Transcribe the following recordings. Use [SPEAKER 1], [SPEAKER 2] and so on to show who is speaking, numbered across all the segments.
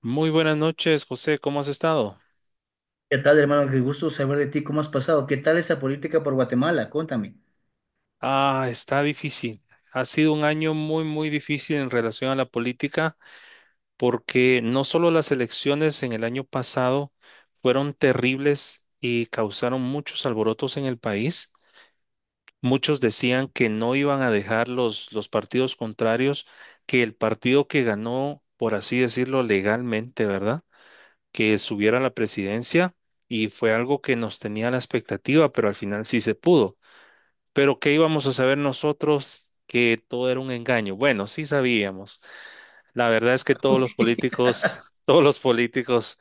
[SPEAKER 1] Muy buenas noches, José. ¿Cómo has estado?
[SPEAKER 2] ¿Qué tal, hermano? Qué gusto saber de ti, ¿cómo has pasado? ¿Qué tal esa política por Guatemala? Cuéntame.
[SPEAKER 1] Ah, está difícil. Ha sido un año muy, muy difícil en relación a la política porque no solo las elecciones en el año pasado fueron terribles y causaron muchos alborotos en el país. Muchos decían que no iban a dejar los partidos contrarios, que el partido que ganó, por así decirlo, legalmente, ¿verdad? Que subiera a la presidencia y fue algo que nos tenía la expectativa, pero al final sí se pudo. Pero ¿qué íbamos a saber nosotros que todo era un engaño? Bueno, sí sabíamos. La verdad es que todos los
[SPEAKER 2] Ok.
[SPEAKER 1] políticos, todos los políticos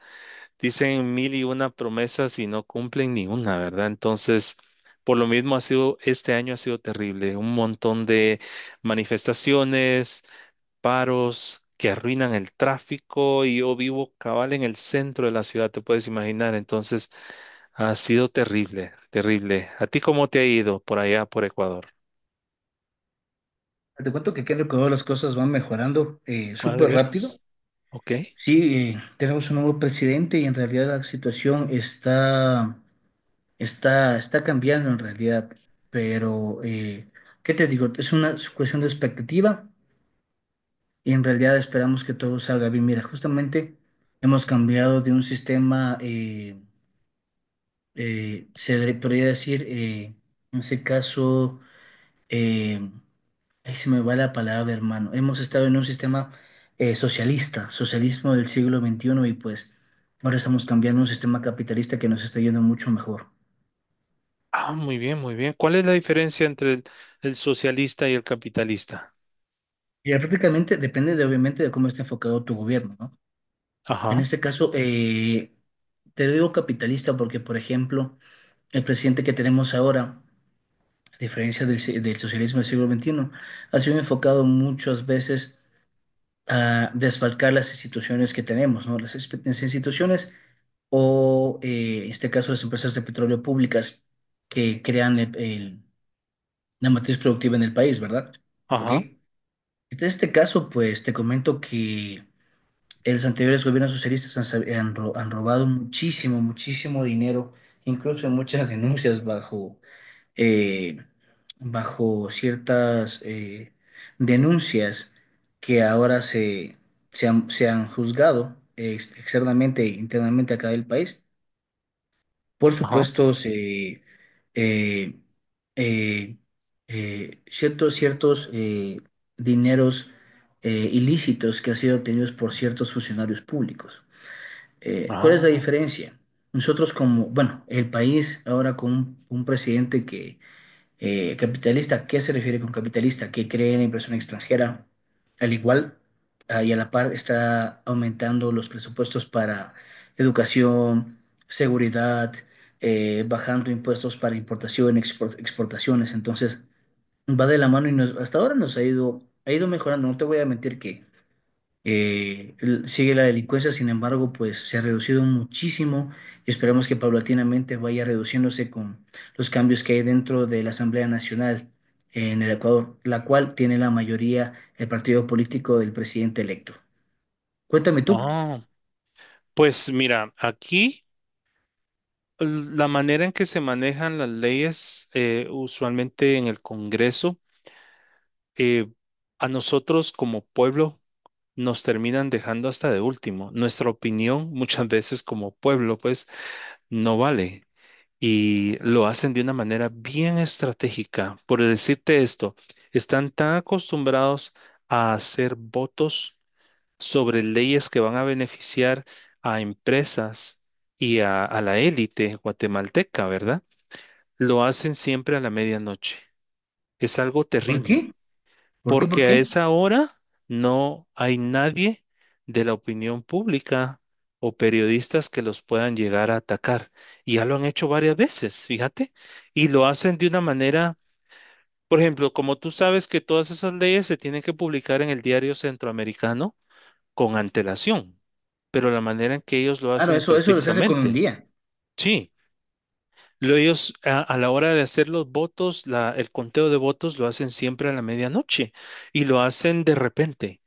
[SPEAKER 1] dicen mil y una promesas y no cumplen ni una, ¿verdad? Entonces, por lo mismo ha sido, este año ha sido terrible. Un montón de manifestaciones, paros que arruinan el tráfico y yo vivo cabal en el centro de la ciudad, te puedes imaginar. Entonces, ha sido terrible, terrible. ¿A ti cómo te ha ido por allá, por Ecuador?
[SPEAKER 2] Te cuento que aquí en el Ecuador las cosas van mejorando
[SPEAKER 1] Ah, de
[SPEAKER 2] súper rápido.
[SPEAKER 1] veras. Ok.
[SPEAKER 2] Sí, tenemos un nuevo presidente y en realidad la situación está cambiando en realidad. Pero, ¿qué te digo? Es una cuestión de expectativa y en realidad esperamos que todo salga bien. Mira, justamente hemos cambiado de un sistema, se podría decir, en ese caso eh, ahí se me va la palabra, hermano. Hemos estado en un sistema socialista, socialismo del siglo XXI y pues ahora estamos cambiando a un sistema capitalista que nos está yendo mucho mejor.
[SPEAKER 1] Ah, muy bien, muy bien. ¿Cuál es la diferencia entre el socialista y el capitalista?
[SPEAKER 2] Y ya prácticamente depende de, obviamente, de cómo está enfocado tu gobierno, ¿no? En
[SPEAKER 1] Ajá,
[SPEAKER 2] este caso, te digo capitalista porque, por ejemplo, el presidente que tenemos ahora, a diferencia del, del socialismo del siglo XXI, ha sido enfocado muchas veces a desfalcar las instituciones que tenemos, ¿no? Las, las instituciones o, en este caso, las empresas de petróleo públicas que crean la matriz productiva en el país, ¿verdad? ¿Ok?
[SPEAKER 1] ajá,
[SPEAKER 2] En este caso, pues te comento que los anteriores gobiernos socialistas han robado muchísimo, muchísimo dinero, incluso en muchas denuncias bajo eh, bajo ciertas denuncias que ahora se, se se han juzgado externamente e internamente acá del país. Por
[SPEAKER 1] ajá.
[SPEAKER 2] supuesto, eh, eh, ciertos dineros ilícitos que han sido obtenidos por ciertos funcionarios públicos. ¿Cuál es la
[SPEAKER 1] Ah,
[SPEAKER 2] diferencia? Nosotros como, bueno, el país ahora con un presidente que capitalista, ¿qué se refiere con capitalista? Que cree en la inversión extranjera. Al igual, ah, y a la par está aumentando los presupuestos para educación, seguridad, bajando impuestos para importación, exportaciones. Entonces, va de la mano y hasta ahora nos ha ido mejorando. No te voy a mentir que sigue la delincuencia, sin embargo, pues se ha reducido muchísimo y esperemos que paulatinamente vaya reduciéndose con los cambios que hay dentro de la Asamblea Nacional en el Ecuador, la cual tiene la mayoría el partido político del presidente electo. Cuéntame tú,
[SPEAKER 1] ah. Pues mira, aquí la manera en que se manejan las leyes, usualmente en el Congreso, eh, a nosotros como pueblo nos terminan dejando hasta de último. Nuestra opinión muchas veces como pueblo pues no vale y lo hacen de una manera bien estratégica. Por decirte esto, están tan acostumbrados a hacer votos sobre leyes que van a beneficiar a empresas y a la élite guatemalteca, ¿verdad? Lo hacen siempre a la medianoche. Es algo
[SPEAKER 2] ¿por
[SPEAKER 1] terrible
[SPEAKER 2] qué? ¿Por qué? ¿Por
[SPEAKER 1] porque a
[SPEAKER 2] qué?
[SPEAKER 1] esa hora no hay nadie de la opinión pública o periodistas que los puedan llegar a atacar. Y ya lo han hecho varias veces, fíjate, y lo hacen de una manera, por ejemplo, como tú sabes que todas esas leyes se tienen que publicar en el diario centroamericano con antelación, pero la manera en que ellos lo
[SPEAKER 2] Claro,
[SPEAKER 1] hacen
[SPEAKER 2] eso lo se hace con un
[SPEAKER 1] estratégicamente,
[SPEAKER 2] día.
[SPEAKER 1] sí. Lo ellos a la hora de hacer los votos, la- el conteo de votos lo hacen siempre a la medianoche y lo hacen de repente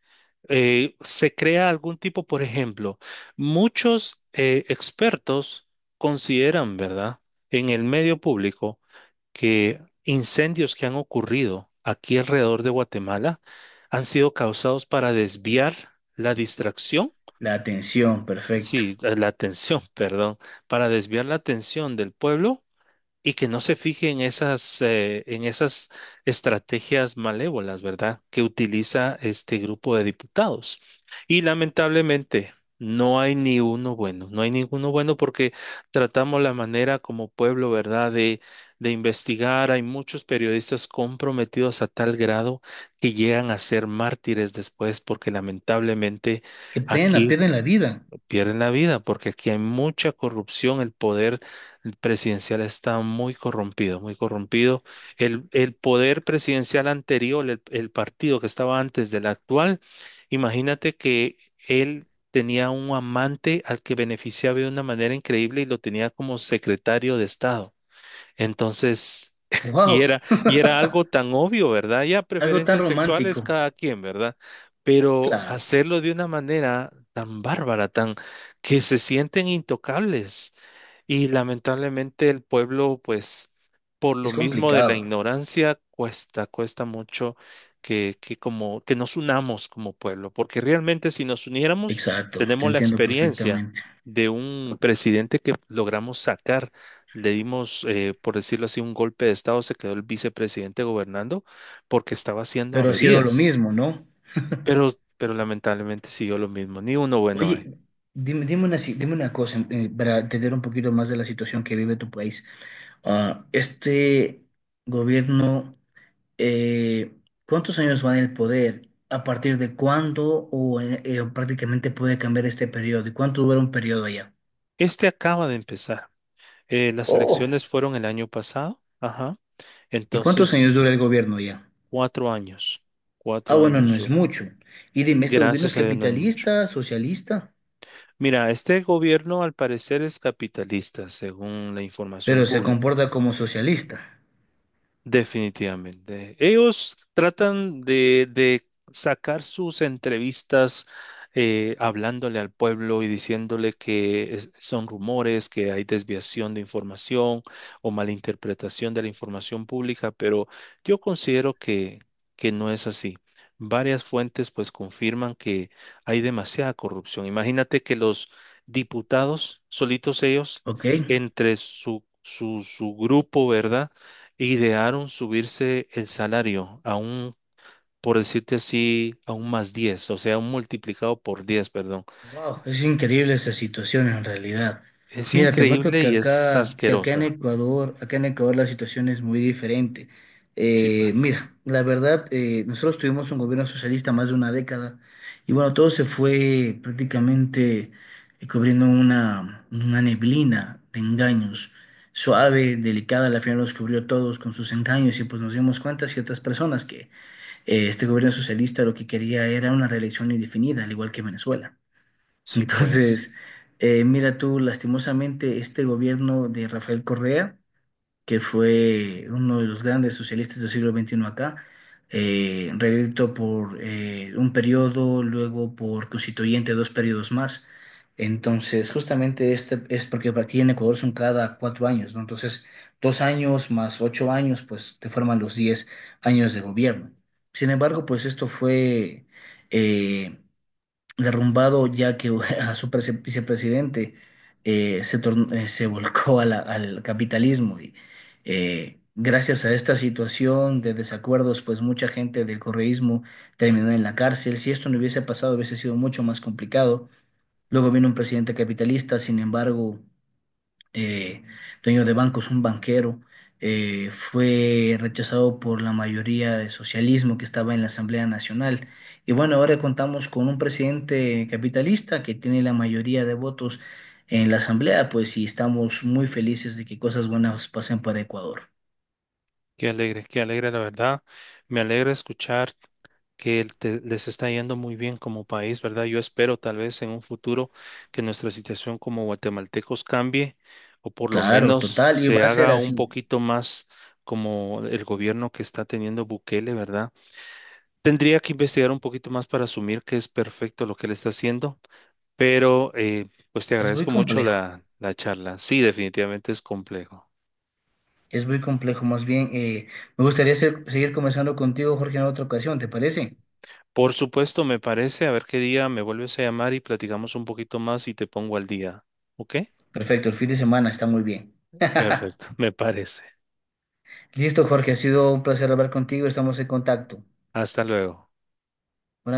[SPEAKER 1] se crea algún tipo, por ejemplo, muchos expertos consideran, ¿verdad?, en el medio público que incendios que han ocurrido aquí alrededor de Guatemala han sido causados para desviar la distracción,
[SPEAKER 2] La atención, perfecto.
[SPEAKER 1] sí, la atención, perdón, para desviar la atención del pueblo y que no se fije en esas estrategias malévolas, ¿verdad?, que utiliza este grupo de diputados. Y lamentablemente no hay ni uno bueno, no hay ninguno bueno porque tratamos la manera como pueblo, ¿verdad?, de investigar. Hay muchos periodistas comprometidos a tal grado que llegan a ser mártires después porque lamentablemente
[SPEAKER 2] Qué pena,
[SPEAKER 1] aquí
[SPEAKER 2] pierden la vida.
[SPEAKER 1] pierden la vida, porque aquí hay mucha corrupción, el poder presidencial está muy corrompido, muy corrompido. El poder presidencial anterior, el partido que estaba antes del actual, imagínate que él tenía un amante al que beneficiaba de una manera increíble y lo tenía como secretario de Estado. Entonces, y
[SPEAKER 2] Wow,
[SPEAKER 1] era, y era algo tan obvio, ¿verdad? Ya
[SPEAKER 2] algo tan
[SPEAKER 1] preferencias sexuales
[SPEAKER 2] romántico.
[SPEAKER 1] cada quien, ¿verdad? Pero
[SPEAKER 2] Claro,
[SPEAKER 1] hacerlo de una manera tan bárbara, tan que se sienten intocables. Y lamentablemente el pueblo, pues, por lo
[SPEAKER 2] es
[SPEAKER 1] mismo de la
[SPEAKER 2] complicado.
[SPEAKER 1] ignorancia, cuesta, cuesta mucho que como que nos unamos como pueblo, porque realmente si nos uniéramos,
[SPEAKER 2] Exacto, te
[SPEAKER 1] tenemos la
[SPEAKER 2] entiendo
[SPEAKER 1] experiencia
[SPEAKER 2] perfectamente.
[SPEAKER 1] de un presidente que logramos sacar le dimos, por decirlo así, un golpe de estado, se quedó el vicepresidente gobernando porque estaba haciendo
[SPEAKER 2] Pero ha sido lo
[SPEAKER 1] averías.
[SPEAKER 2] mismo, ¿no?
[SPEAKER 1] Pero, pero lamentablemente siguió lo mismo, ni uno bueno hay.
[SPEAKER 2] Oye, dime, dime una, si- dime una cosa para entender un poquito más de la situación que vive tu país. Ah, este gobierno, eh, ¿cuántos años va en el poder? ¿A partir de cuándo o prácticamente puede cambiar este periodo? ¿Y cuánto dura un periodo allá?
[SPEAKER 1] Este acaba de empezar. Las
[SPEAKER 2] Oh.
[SPEAKER 1] elecciones fueron el año pasado, ajá.
[SPEAKER 2] ¿Y cuántos años
[SPEAKER 1] Entonces,
[SPEAKER 2] dura el gobierno allá?
[SPEAKER 1] cuatro años,
[SPEAKER 2] Ah,
[SPEAKER 1] cuatro
[SPEAKER 2] bueno,
[SPEAKER 1] años
[SPEAKER 2] no es
[SPEAKER 1] dura.
[SPEAKER 2] mucho. Y dime, ¿este gobierno es
[SPEAKER 1] Gracias a Dios no es mucho.
[SPEAKER 2] capitalista, socialista?
[SPEAKER 1] Mira, este gobierno al parecer es capitalista, según la información
[SPEAKER 2] Pero se
[SPEAKER 1] pública.
[SPEAKER 2] comporta como socialista,
[SPEAKER 1] Definitivamente. Ellos tratan de sacar sus entrevistas hablándole al pueblo y diciéndole que es- son rumores, que hay desviación de información o malinterpretación de la información pública, pero yo considero que no es así. Varias fuentes pues confirman que hay demasiada corrupción. Imagínate que los diputados, solitos ellos,
[SPEAKER 2] ¿ok?
[SPEAKER 1] entre su grupo, ¿verdad? Idearon subirse el salario a un, por decirte así, a un más 10, o sea, un multiplicado por 10, perdón.
[SPEAKER 2] Wow, es increíble esa situación en realidad.
[SPEAKER 1] Es
[SPEAKER 2] Mira, te cuento
[SPEAKER 1] increíble y es
[SPEAKER 2] que
[SPEAKER 1] asquerosa.
[SPEAKER 2] Acá en Ecuador la situación es muy diferente.
[SPEAKER 1] Sí,
[SPEAKER 2] Eh,
[SPEAKER 1] pues.
[SPEAKER 2] mira, la verdad, nosotros tuvimos un gobierno socialista más de una década y bueno, todo se fue prácticamente cubriendo una neblina de engaños, suave, delicada, al final los cubrió todos con sus engaños y pues nos dimos cuenta ciertas personas que este gobierno socialista lo que quería era una reelección indefinida, al igual que Venezuela.
[SPEAKER 1] Sí, pues.
[SPEAKER 2] Entonces, mira tú, lastimosamente, este gobierno de Rafael Correa, que fue uno de los grandes socialistas del siglo XXI acá, reelecto por un periodo, luego por constituyente dos periodos más. Entonces, justamente este es porque aquí en Ecuador son cada 4 años, ¿no? Entonces, 2 años más 8 años, pues te forman los 10 años de gobierno. Sin embargo, pues esto fue... eh, derrumbado ya que a su vicepresidente se volcó a al capitalismo. Y, gracias a esta situación de desacuerdos, pues mucha gente del correísmo terminó en la cárcel. Si esto no hubiese pasado, hubiese sido mucho más complicado. Luego vino un presidente capitalista, sin embargo, eh, dueños de bancos, un banquero, fue rechazado por la mayoría de socialismo que estaba en la Asamblea Nacional. Y bueno, ahora contamos con un presidente capitalista que tiene la mayoría de votos en la Asamblea, pues y estamos muy felices de que cosas buenas pasen para Ecuador.
[SPEAKER 1] Qué alegre, la verdad. Me alegra escuchar que el te- les está yendo muy bien como país, ¿verdad? Yo espero tal vez en un futuro que nuestra situación como guatemaltecos cambie o por lo
[SPEAKER 2] Claro,
[SPEAKER 1] menos
[SPEAKER 2] total, y va
[SPEAKER 1] se
[SPEAKER 2] a ser
[SPEAKER 1] haga un
[SPEAKER 2] así.
[SPEAKER 1] poquito más como el gobierno que está teniendo Bukele, ¿verdad? Tendría que investigar un poquito más para asumir que es perfecto lo que él está haciendo, pero pues te
[SPEAKER 2] Es muy
[SPEAKER 1] agradezco mucho
[SPEAKER 2] complejo,
[SPEAKER 1] la charla. Sí, definitivamente es complejo.
[SPEAKER 2] es muy complejo. Más bien, me gustaría seguir conversando contigo, Jorge, en otra ocasión, ¿te parece?
[SPEAKER 1] Por supuesto, me parece, a ver qué día me vuelves a llamar y platicamos un poquito más y te pongo al día. ¿Ok?
[SPEAKER 2] Perfecto, el fin de semana está muy bien.
[SPEAKER 1] Perfecto, me parece.
[SPEAKER 2] Listo, Jorge, ha sido un placer hablar contigo, estamos en contacto.
[SPEAKER 1] Hasta luego.